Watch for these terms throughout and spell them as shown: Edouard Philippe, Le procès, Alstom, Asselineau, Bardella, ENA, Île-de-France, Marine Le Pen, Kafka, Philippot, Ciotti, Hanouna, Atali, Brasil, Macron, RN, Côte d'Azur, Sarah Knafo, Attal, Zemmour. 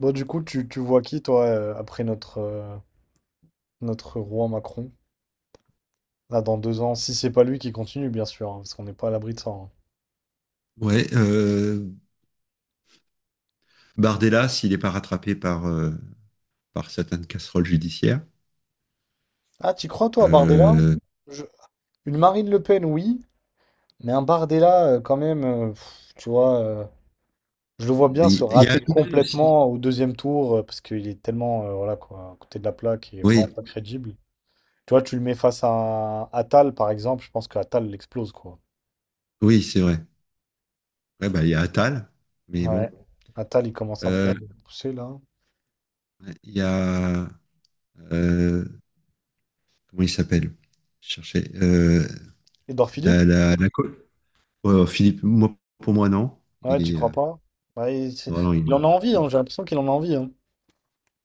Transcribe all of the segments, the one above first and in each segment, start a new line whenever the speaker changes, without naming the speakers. Bon, du coup, tu vois qui, toi, après notre roi Macron? Là, dans deux ans, si c'est pas lui qui continue, bien sûr, hein, parce qu'on n'est pas à l'abri de ça, hein.
Ouais, Bardella, s'il n'est pas rattrapé par certaines casseroles judiciaires.
Ah, tu crois, toi, à Bardella?
Euh,
Je- Une Marine Le Pen, oui, mais un Bardella, quand même, pff, tu vois, je le vois bien se
Il il y a
rater
Hanouna aussi.
complètement au deuxième tour, parce qu'il est tellement, voilà, quoi, à côté de la plaque, il est
Oui,
vraiment pas crédible. Tu vois, tu le mets face à un Attal, par exemple, je pense que Attal l'explose, quoi.
oui, c'est vrai. Ouais, bah, il y a Attal, mais
Ouais.
bon.
Attal, il commence un peu à
Euh,
le pousser, là.
il y a. euh, Comment il s'appelle? Je cherchais. euh,
Edouard
la,
Philippe?
la, la co- Ouais, oh, Philippe, moi, pour moi, non. Il
Ouais, j'y
est.
crois pas. Bah,
Non, non,
il
il
en a
a.
envie, hein, j'ai l'impression qu'il en a envie, hein.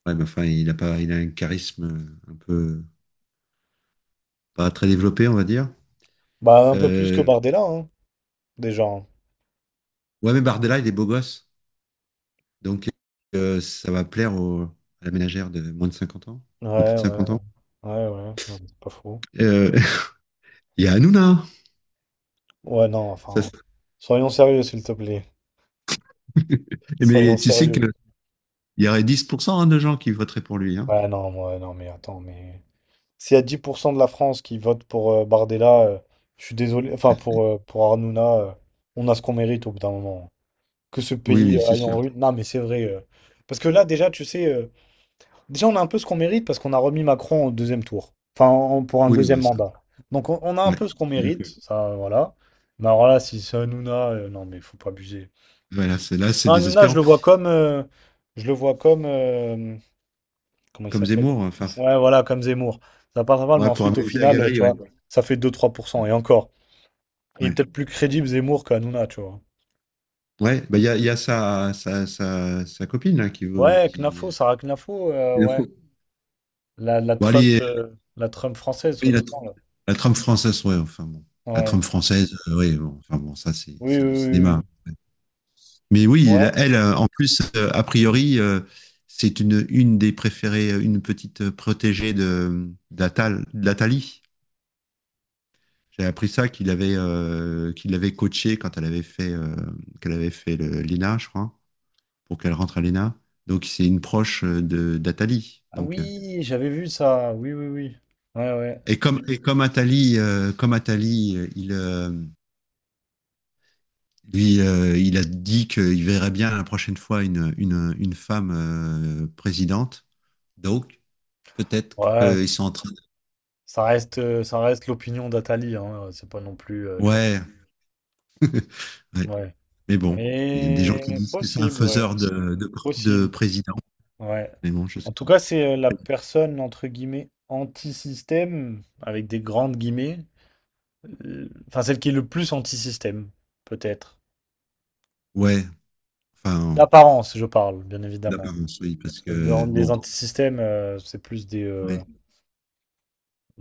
Ouais, mais enfin, il a pas, il a un charisme un peu. Pas très développé, on va dire.
Bah, un peu plus que
Euh,
Bardella, hein, déjà, hein.
ouais, mais Bardella, il est beau gosse. Donc, ça va plaire au- à la ménagère de moins de 50 ans, de plus
Ouais,
de
ouais,
50
ouais,
ans.
ouais, ouais, ouais, c'est pas faux.
Euh, Il y a Hanouna.
Ouais, non,
Ça,
enfin,
c'est-
soyons sérieux, s'il te plaît. Soyons
Mais tu sais
sérieux.
qu'il y aurait 10 %, hein, de gens qui voteraient pour lui, hein.
Ouais, non, ouais, non, mais attends, mais... S'il y a 10% de la France qui vote pour Bardella, je suis désolé, enfin, pour Hanouna, on a ce qu'on mérite au bout d'un moment. Que ce
Oui,
pays
oui, c'est
aille en
sûr.
ruine, non, mais c'est vrai. Parce que là, déjà, déjà, on a un peu ce qu'on mérite parce qu'on a remis Macron au deuxième tour. Enfin, pour un
Oui,
deuxième
bah, ça,
mandat. Donc, on a un
ouais,
peu ce qu'on
je suis
mérite.
d'accord.
Ça, voilà. Mais alors là, si c'est Hanouna, non, mais faut pas abuser.
Voilà, c'est, là, c'est
Hanouna, je
désespérant.
le vois comme. Je le vois comme. Comment il
Comme
s'appelle?
Zemmour, enfin,
Ouais, voilà, comme Zemmour. Ça passe pas mal, mais
ouais, pour
ensuite, au
amuser la
final, tu
galerie, ouais.
vois, ça fait 2 à 3%. Et encore. Il est
Ouais,
peut-être plus crédible Zemmour qu'Hanouna, tu vois.
Ouais, bah, il y a sa copine là, qui veut.
Ouais, Knafo,
Qui...
Sarah Knafo, ouais. La
Bon,
Trump,
allez,
la Trump française,
il a
soi-disant, là.
la trame française, ouais, enfin bon. La
Ouais.
trame française, ouais, bon, enfin bon, ça c'est
Oui, oui,
c'est du
oui, oui,
cinéma.
oui.
Mais oui,
Ouais.
la- elle, en plus, a priori, c'est une des préférées, une petite protégée de d'Atal, d'Atali. J'ai appris ça qu'il avait, qu'il l'avait coachée quand elle avait fait, qu'elle avait fait le- l'ENA, je crois, pour qu'elle rentre à l'ENA. Donc c'est une proche de d'Atali.
Ah
Donc.
oui, j'avais vu ça. Oui, oui, oui. Ouais, ouais.
Et comme Atali, comme Atali, il Lui, il a dit qu'il verrait bien la prochaine fois une femme présidente. Donc, peut-être
Ouais,
qu'ils
c-
sont en train
ça reste l'opinion d'Atali, hein. C'est pas non plus,
de...
tu vois.
Ouais, ouais.
Ouais.
Mais bon, il y a des gens qui
Mais
disent que c'est un
possible, ouais.
faiseur de
Possible.
président.
Ouais.
Mais bon, je
En
sais
tout
pas.
cas, c'est la personne, entre guillemets, anti-système, avec des grandes guillemets. Enfin, celle qui est le plus anti-système, peut-être.
Ouais, enfin,
D'apparence, je parle, bien évidemment.
d'apparence, oui, parce
Parce que dans
que,
les
bon,
anti-systèmes, c'est plus des... euh,
ouais.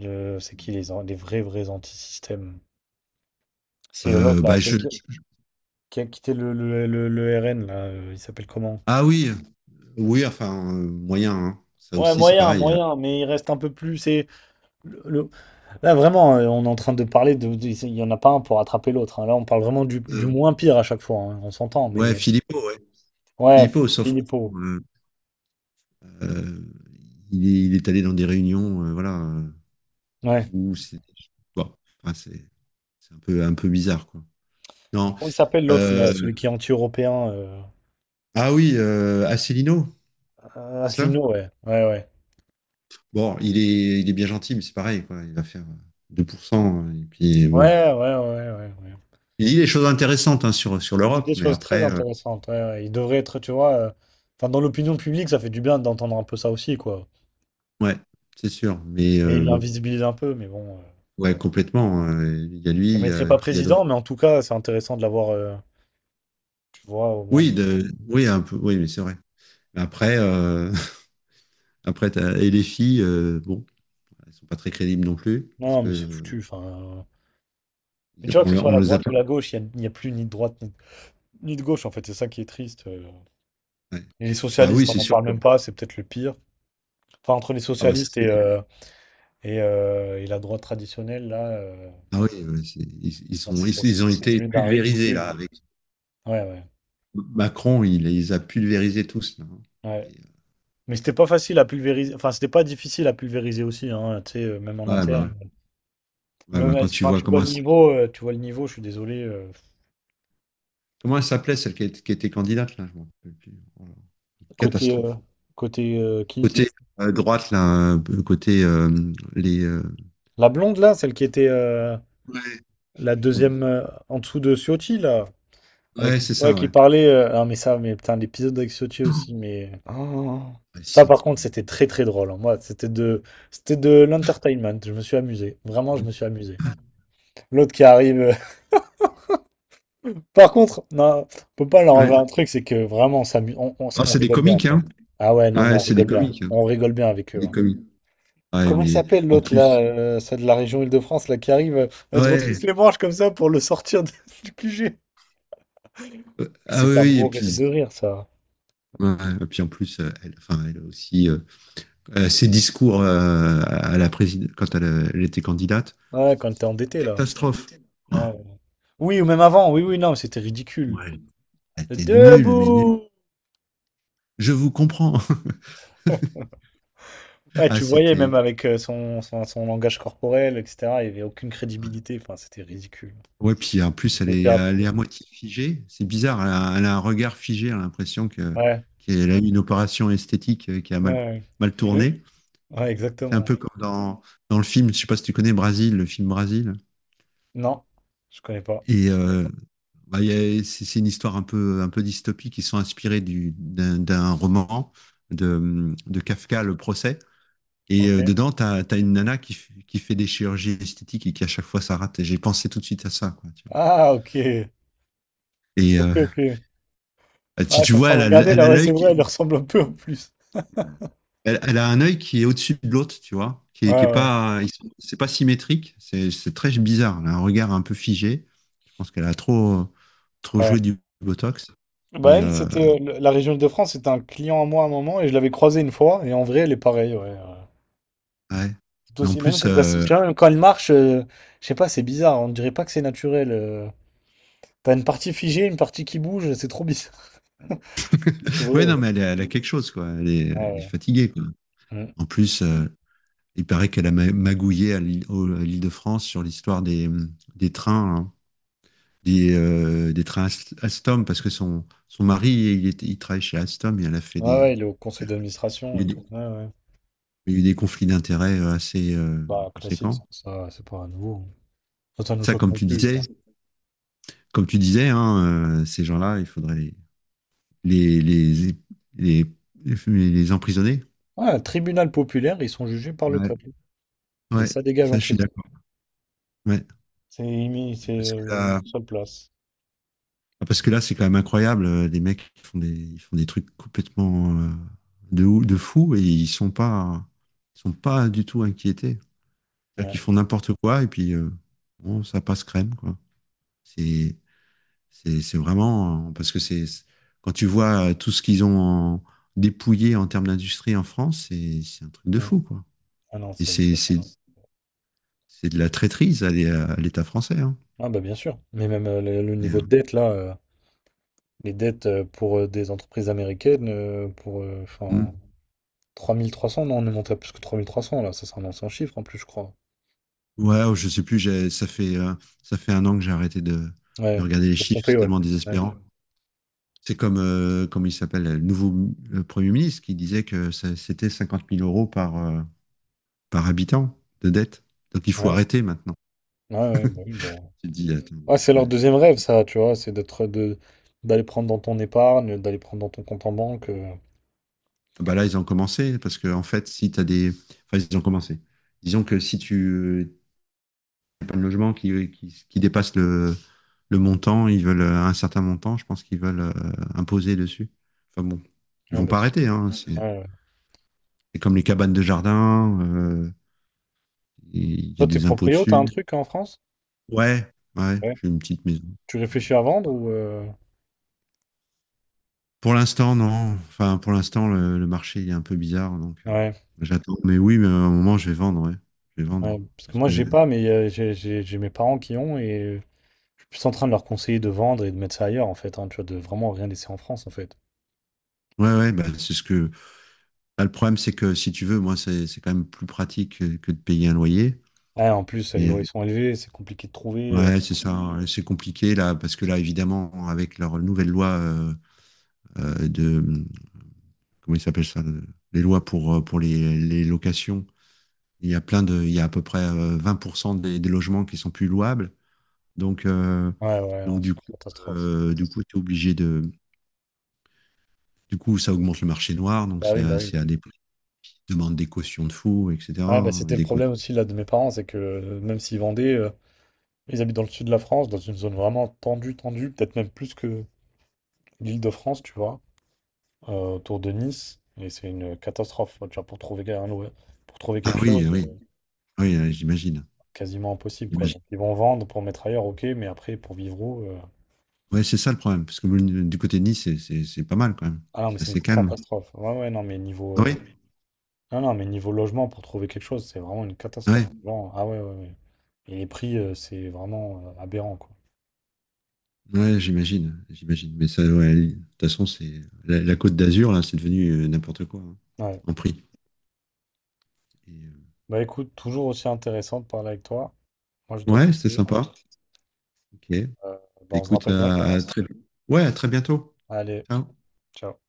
euh, c'est qui les, les vrais, vrais anti-systèmes? C'est l'autre là,
Bah, je...
qui a quitté le RN là, il s'appelle comment?
Ah oui, oui, enfin, moyen, hein. Ça
Ouais,
aussi, c'est
moyen,
pareil.
moyen, mais il reste un peu plus. C'est le- le- là vraiment, on est en train de parler de il y en a pas un pour rattraper l'autre, hein. Là, on parle vraiment du
Euh,
moins pire à chaque fois, hein. On s'entend,
ouais,
mais
Philippot, ouais.
ouais,
Philippot, sauf que,
Philippot.
euh, Euh, il est allé dans des réunions, voilà,
Ouais.
où c'est bon, enfin, c'est un peu bizarre, quoi.
Et
Non.
comment il s'appelle l'autre là,
euh,
celui qui est anti-européen?
ah oui, Asselineau, c'est ça?
Asselineau, ouais, ouais, ouais,
Bon, il est bien gentil, mais c'est pareil, quoi. Il va faire 2%. Et puis, bon.
ouais, ouais, ouais, ouais, ouais.
Il dit des choses intéressantes, hein, sur
Il dit
l'Europe,
des
mais
choses très
après,
intéressantes. Ouais, ouais. Il devrait être, tu vois, enfin dans l'opinion publique, ça fait du bien d'entendre un peu ça aussi, quoi.
ouais, c'est sûr. Mais
Mais il
bon,
l'invisibilise un peu, mais bon.
ouais, complètement. Il y a lui,
Je le
il y
mettrai
a,
pas
qui y a d'autres.
président, mais en tout cas, c'est intéressant de l'avoir, tu vois, au moins.
Oui, oui, un peu, oui, mais c'est vrai. Mais après, après, t'as- et les filles, bon. Bah, ils sont pas très crédibles non plus, parce
Non,
que
mais c'est foutu. Enfin, euh, mais
ils-
tu vois, que
on,
ce
le-
soit
on
la
les a
droite
pas.
ou la gauche, y a plus ni de droite ni, ni de gauche, en fait. C'est ça qui est triste.
Ouais.
Et les
Bah oui,
socialistes, on
c'est
n'en
sûr
parle
que.
même pas, c'est peut-être le pire. Enfin, entre les
Ah bah ça
socialistes
se
et,
fait.
et la droite traditionnelle, là, euh,
Ah oui, ouais, c'est- ils
c'est
sont,
c'est-
ils,
c'est-
ils ont
c'est
été
devenu d'un
pulvérisés
ridicule.
là avec
Ouais, ouais,
Macron, il les a pulvérisés tous là, hein. Et,
ouais. Mais c'était pas facile à pulvériser. Enfin, c'était pas difficile à pulvériser aussi, hein, tu sais, même en
ouais, bah,
interne.
ouais. Ouais,
Même,
bah, quand tu
enfin,
vois comment elle, s-
tu vois le niveau, je suis désolé.
comment elle s'appelait celle qui, est- qui était candidate là, je m'en rappelle plus. Oh là,
Côté, euh,
catastrophe.
côté qui?
Côté droite là, un peu côté les.
La blonde là, celle qui était
Ouais, je sais
la
plus son nom.
deuxième en dessous de Ciotti là,
Ouais,
avec
c'est
ouais,
ça,
qui
ouais.
parlait. Non mais ça, mais putain, l'épisode avec Ciotti aussi, mais oh.
Ouais,
Ça
si, on
par
dit-
contre
oh
c'était très très drôle, hein. Moi, c'était de l'entertainment. Je me suis amusé, vraiment, je
là
me suis amusé.
là.
L'autre qui arrive. Par contre, non, on peut pas leur
Ouais.
enlever un truc, c'est que vraiment on s'amuse,
Ah,
on
c'est des
rigole bien
comiques,
quand
hein?
même. Ah ouais, non mais
Ouais, c'est des comiques, hein.
on rigole bien avec eux,
Des
hein.
comiques.
Ah,
Ouais,
comment il
mais
s'appelle
en
l'autre là,
plus.
celle de la région Île-de-France là qui arrive,
Ah
elle se retrousse
ouais.
les manches comme ça pour le sortir du QG.
Ah oui,
C'était à
oui, et
mourir
puis.
de rire ça.
Ouais, et puis en plus, elle, enfin, elle a aussi, ses discours à la présidente quand elle, elle était candidate,
Ouais,
c'était
quand t'es
c'était une
endetté là.
catastrophe.
Ouais. Oui, ou même avant, oui, oui, non, mais c'était ridicule.
Ouais, elle était nulle, mais nulle.
Debout!
Je vous comprends.
Ouais,
Ah,
tu voyais même
c'était.
avec son, son, son langage corporel, etc. Il n'y avait aucune crédibilité. Enfin, c'était ridicule.
Ouais, puis en plus, elle
On peut
est,
faire-
elle est à moitié figée. C'est bizarre. Elle a un regard figé. Elle a l'impression que
ouais,
qu'elle a eu une opération esthétique qui a
ouais,
mal,
ouais.
mal
Euh,
tourné.
ouais,
C'est un
exactement.
peu comme dans le film, je sais pas si tu connais Brasil, le film Brasil.
Non, je connais pas.
Et bah, il y a- c'est une histoire un peu dystopique. Ils sont inspirés du, d'un roman de Kafka, Le procès. Et
Ok.
dedans, tu as, une nana qui, f- qui fait des chirurgies esthétiques et qui à chaque fois ça rate. Et j'ai pensé tout de suite à ça. Quoi, tu vois.
Ah, ok.
Et
Ok, ok. Ouais,
si
je
tu
suis en
vois,
train de
elle a, l-
regarder
elle
là,
a
ouais, c'est
l'œil, qui-
vrai, elle lui ressemble un peu en plus.
Elle, elle a un œil qui est au-dessus de l'autre, tu vois, qui est
Ouais, ouais,
pas, ils sont- c'est pas symétrique, c'est très bizarre. Elle a un regard un peu figé. Je pense qu'elle a trop, trop
ouais.
joué du Botox,
Bah,
mais
elle, c'était la région Île-de-France, c'était un client à moi à un moment et je l'avais croisée une fois et en vrai, elle est pareille, ouais, ouais.
ouais.
C'est
Mais en
aussi, même
plus,
que, tu vois, même quand elle marche, je sais pas, c'est bizarre, on dirait pas que c'est naturel. T'as une partie figée, une partie qui bouge, c'est trop bizarre. C'est vrai,
ouais,
ouais.
non, mais elle a quelque chose, quoi. Elle est
Ouais,
fatiguée, quoi.
ouais.
En plus, il paraît qu'elle a ma- magouillé à l'île au- à l'Île-de-France sur l'histoire des trains, hein, des trains Ast- Alstom, parce que son mari, il, était- il travaille chez Alstom et elle a fait
Mm. Ouais, ouais, il est au conseil d'administration et tout.
des-
Ouais, ouais.
Il y a eu des conflits d'intérêts assez
Bah, classique, ça,
conséquents.
ça, c'est pas nouveau. Ça nous
Ça,
choque
comme
non
tu
plus,
disais,
quoi.
comme tu disais, hein, ces gens-là, il faudrait les, les, les, les, les emprisonner.
Ouais, un tribunal populaire, ils sont jugés par le
Ouais,
peuple et
ouais,
ça dégage
ça,
en
je suis
prison.
d'accord. Ouais,
C'est Imi, c'est
parce que là,
leur seule place.
parce que là, c'est quand même incroyable. Les mecs ils font des trucs complètement, de, ou- de fou et ils sont pas du tout inquiétés. C'est-à-dire
Ouais.
qu'ils font n'importe quoi et puis bon, ça passe crème, quoi. C'est c'est vraiment parce que c'est quand tu vois tout ce qu'ils ont en- dépouillé en termes d'industrie en France, c'est un truc de
Mm.
fou, quoi.
Ah non,
Et
c'est.
c'est de la traîtrise à l'é- à l'État français, hein.
Ah bah bien sûr. Mais même le
Et,
niveau de dette, là, les dettes pour des entreprises américaines, pour.
hmm.
Enfin, 3 300 non, on est monté à plus que 3 3 300 là. Ça, c'est un ancien chiffre en plus, je crois.
Ouais, oh, je sais plus. J'ai- ça fait un an que j'ai arrêté de
Ouais.
regarder les
De
chiffres.
Pompée,
C'est
ouais.
tellement
Ouais.
désespérant. C'est comme, comment il s'appelle le nouveau Premier ministre qui disait que ça- c'était 50 000 euros par habitant de dette. Donc il faut
Ouais,
arrêter maintenant.
ouais, ouais, bah oui, bah.
Tu te dis attends.
Ouais, c'est leur
euh,
deuxième rêve, ça, tu vois. C'est d'aller prendre dans ton épargne, d'aller prendre dans ton compte en banque.
Bah là, ils ont commencé, parce que en fait, si tu as des. Enfin, ils ont commencé. Disons que si tu n'as pas de logement qui dépasse le montant, ils veulent un certain montant, je pense qu'ils veulent imposer dessus. Enfin bon, ils
Ouais,
vont
bah,
pas
tu-
arrêter, hein. C'est
ouais, ouais.
c'est comme les cabanes de jardin, il y
Toi,
a
t'es
des impôts
proprio, t'as un
dessus.
truc en France?
Ouais, ouais,
Ouais.
j'ai une petite maison.
Tu
Voilà,
réfléchis à
c'est
vendre
pas-
ou?
Pour l'instant, non. Enfin, pour l'instant, le marché il est un peu bizarre, donc
Ouais,
j'attends. Mais oui, mais à un moment, je vais vendre, ouais. Je vais
ouais,
vendre.
parce que
Parce
moi
que.
j'ai pas, mais j'ai mes parents qui ont et je suis plus en train de leur conseiller de vendre et de mettre ça ailleurs en fait, hein, tu vois, de vraiment rien laisser en France en fait.
Ouais, ouais, bah, c'est ce que. Bah, le problème, c'est que si tu veux, moi, c'est quand même plus pratique que de payer un loyer.
Ouais, en plus les
Mais
loyers sont élevés, c'est compliqué de trouver.
ouais, c'est ça. C'est compliqué là, parce que là, évidemment, avec leur nouvelle loi, de comment il s'appelle ça, le- les lois pour les locations, il y a plein de, il y a à peu près 20 % des logements qui sont plus louables. Donc euh,
Ouais, ouais,
donc
non,
du
c'est une
coup,
catastrophe.
euh, du coup, t'es obligé de, du coup, ça augmente le marché noir. Donc
Bah oui, bah oui,
c'est
bah
à
oui.
des prix qui demandent des cautions de fous,
Ouais, bah
etc.
c'était le
Des
problème
cautions.
aussi là de mes parents, c'est que même s'ils vendaient, ils habitent dans le sud de la France, dans une zone vraiment tendue, tendue, peut-être même plus que l'Île-de-France, tu vois. Autour de Nice. Et c'est une catastrophe. Tu vois, pour trouver
Ah
quelque
oui,
chose,
oui. Oui, j'imagine.
quasiment impossible, quoi.
J'imagine.
Donc ils vont vendre pour mettre ailleurs, ok, mais après pour vivre où? Euh,
Ouais, c'est ça le problème, parce que le- du côté de Nice, c'est pas mal quand même.
Ah non, mais
C'est
c'est une
assez calme.
catastrophe. Ouais, ouais, non, mais niveau
Ah oui,
non, non, mais niveau logement pour trouver quelque chose, c'est vraiment une
ouais,
catastrophe. Bon ah ouais, ouais, ouais. Et les prix, c'est vraiment aberrant, quoi.
ouais, j'imagine, j'imagine. Mais ça, ouais, de toute façon, c'est la Côte d'Azur, là, c'est devenu n'importe quoi, hein,
Ouais.
en prix. Et,
Bah écoute, toujours aussi intéressant de parler avec toi. Moi, je dois te
ouais, c'était
laisser.
sympa. Ok.
Euh, bah, on se
Écoute,
rappelle bientôt.
ouais, à très bientôt.
Allez,
Ciao.
ciao.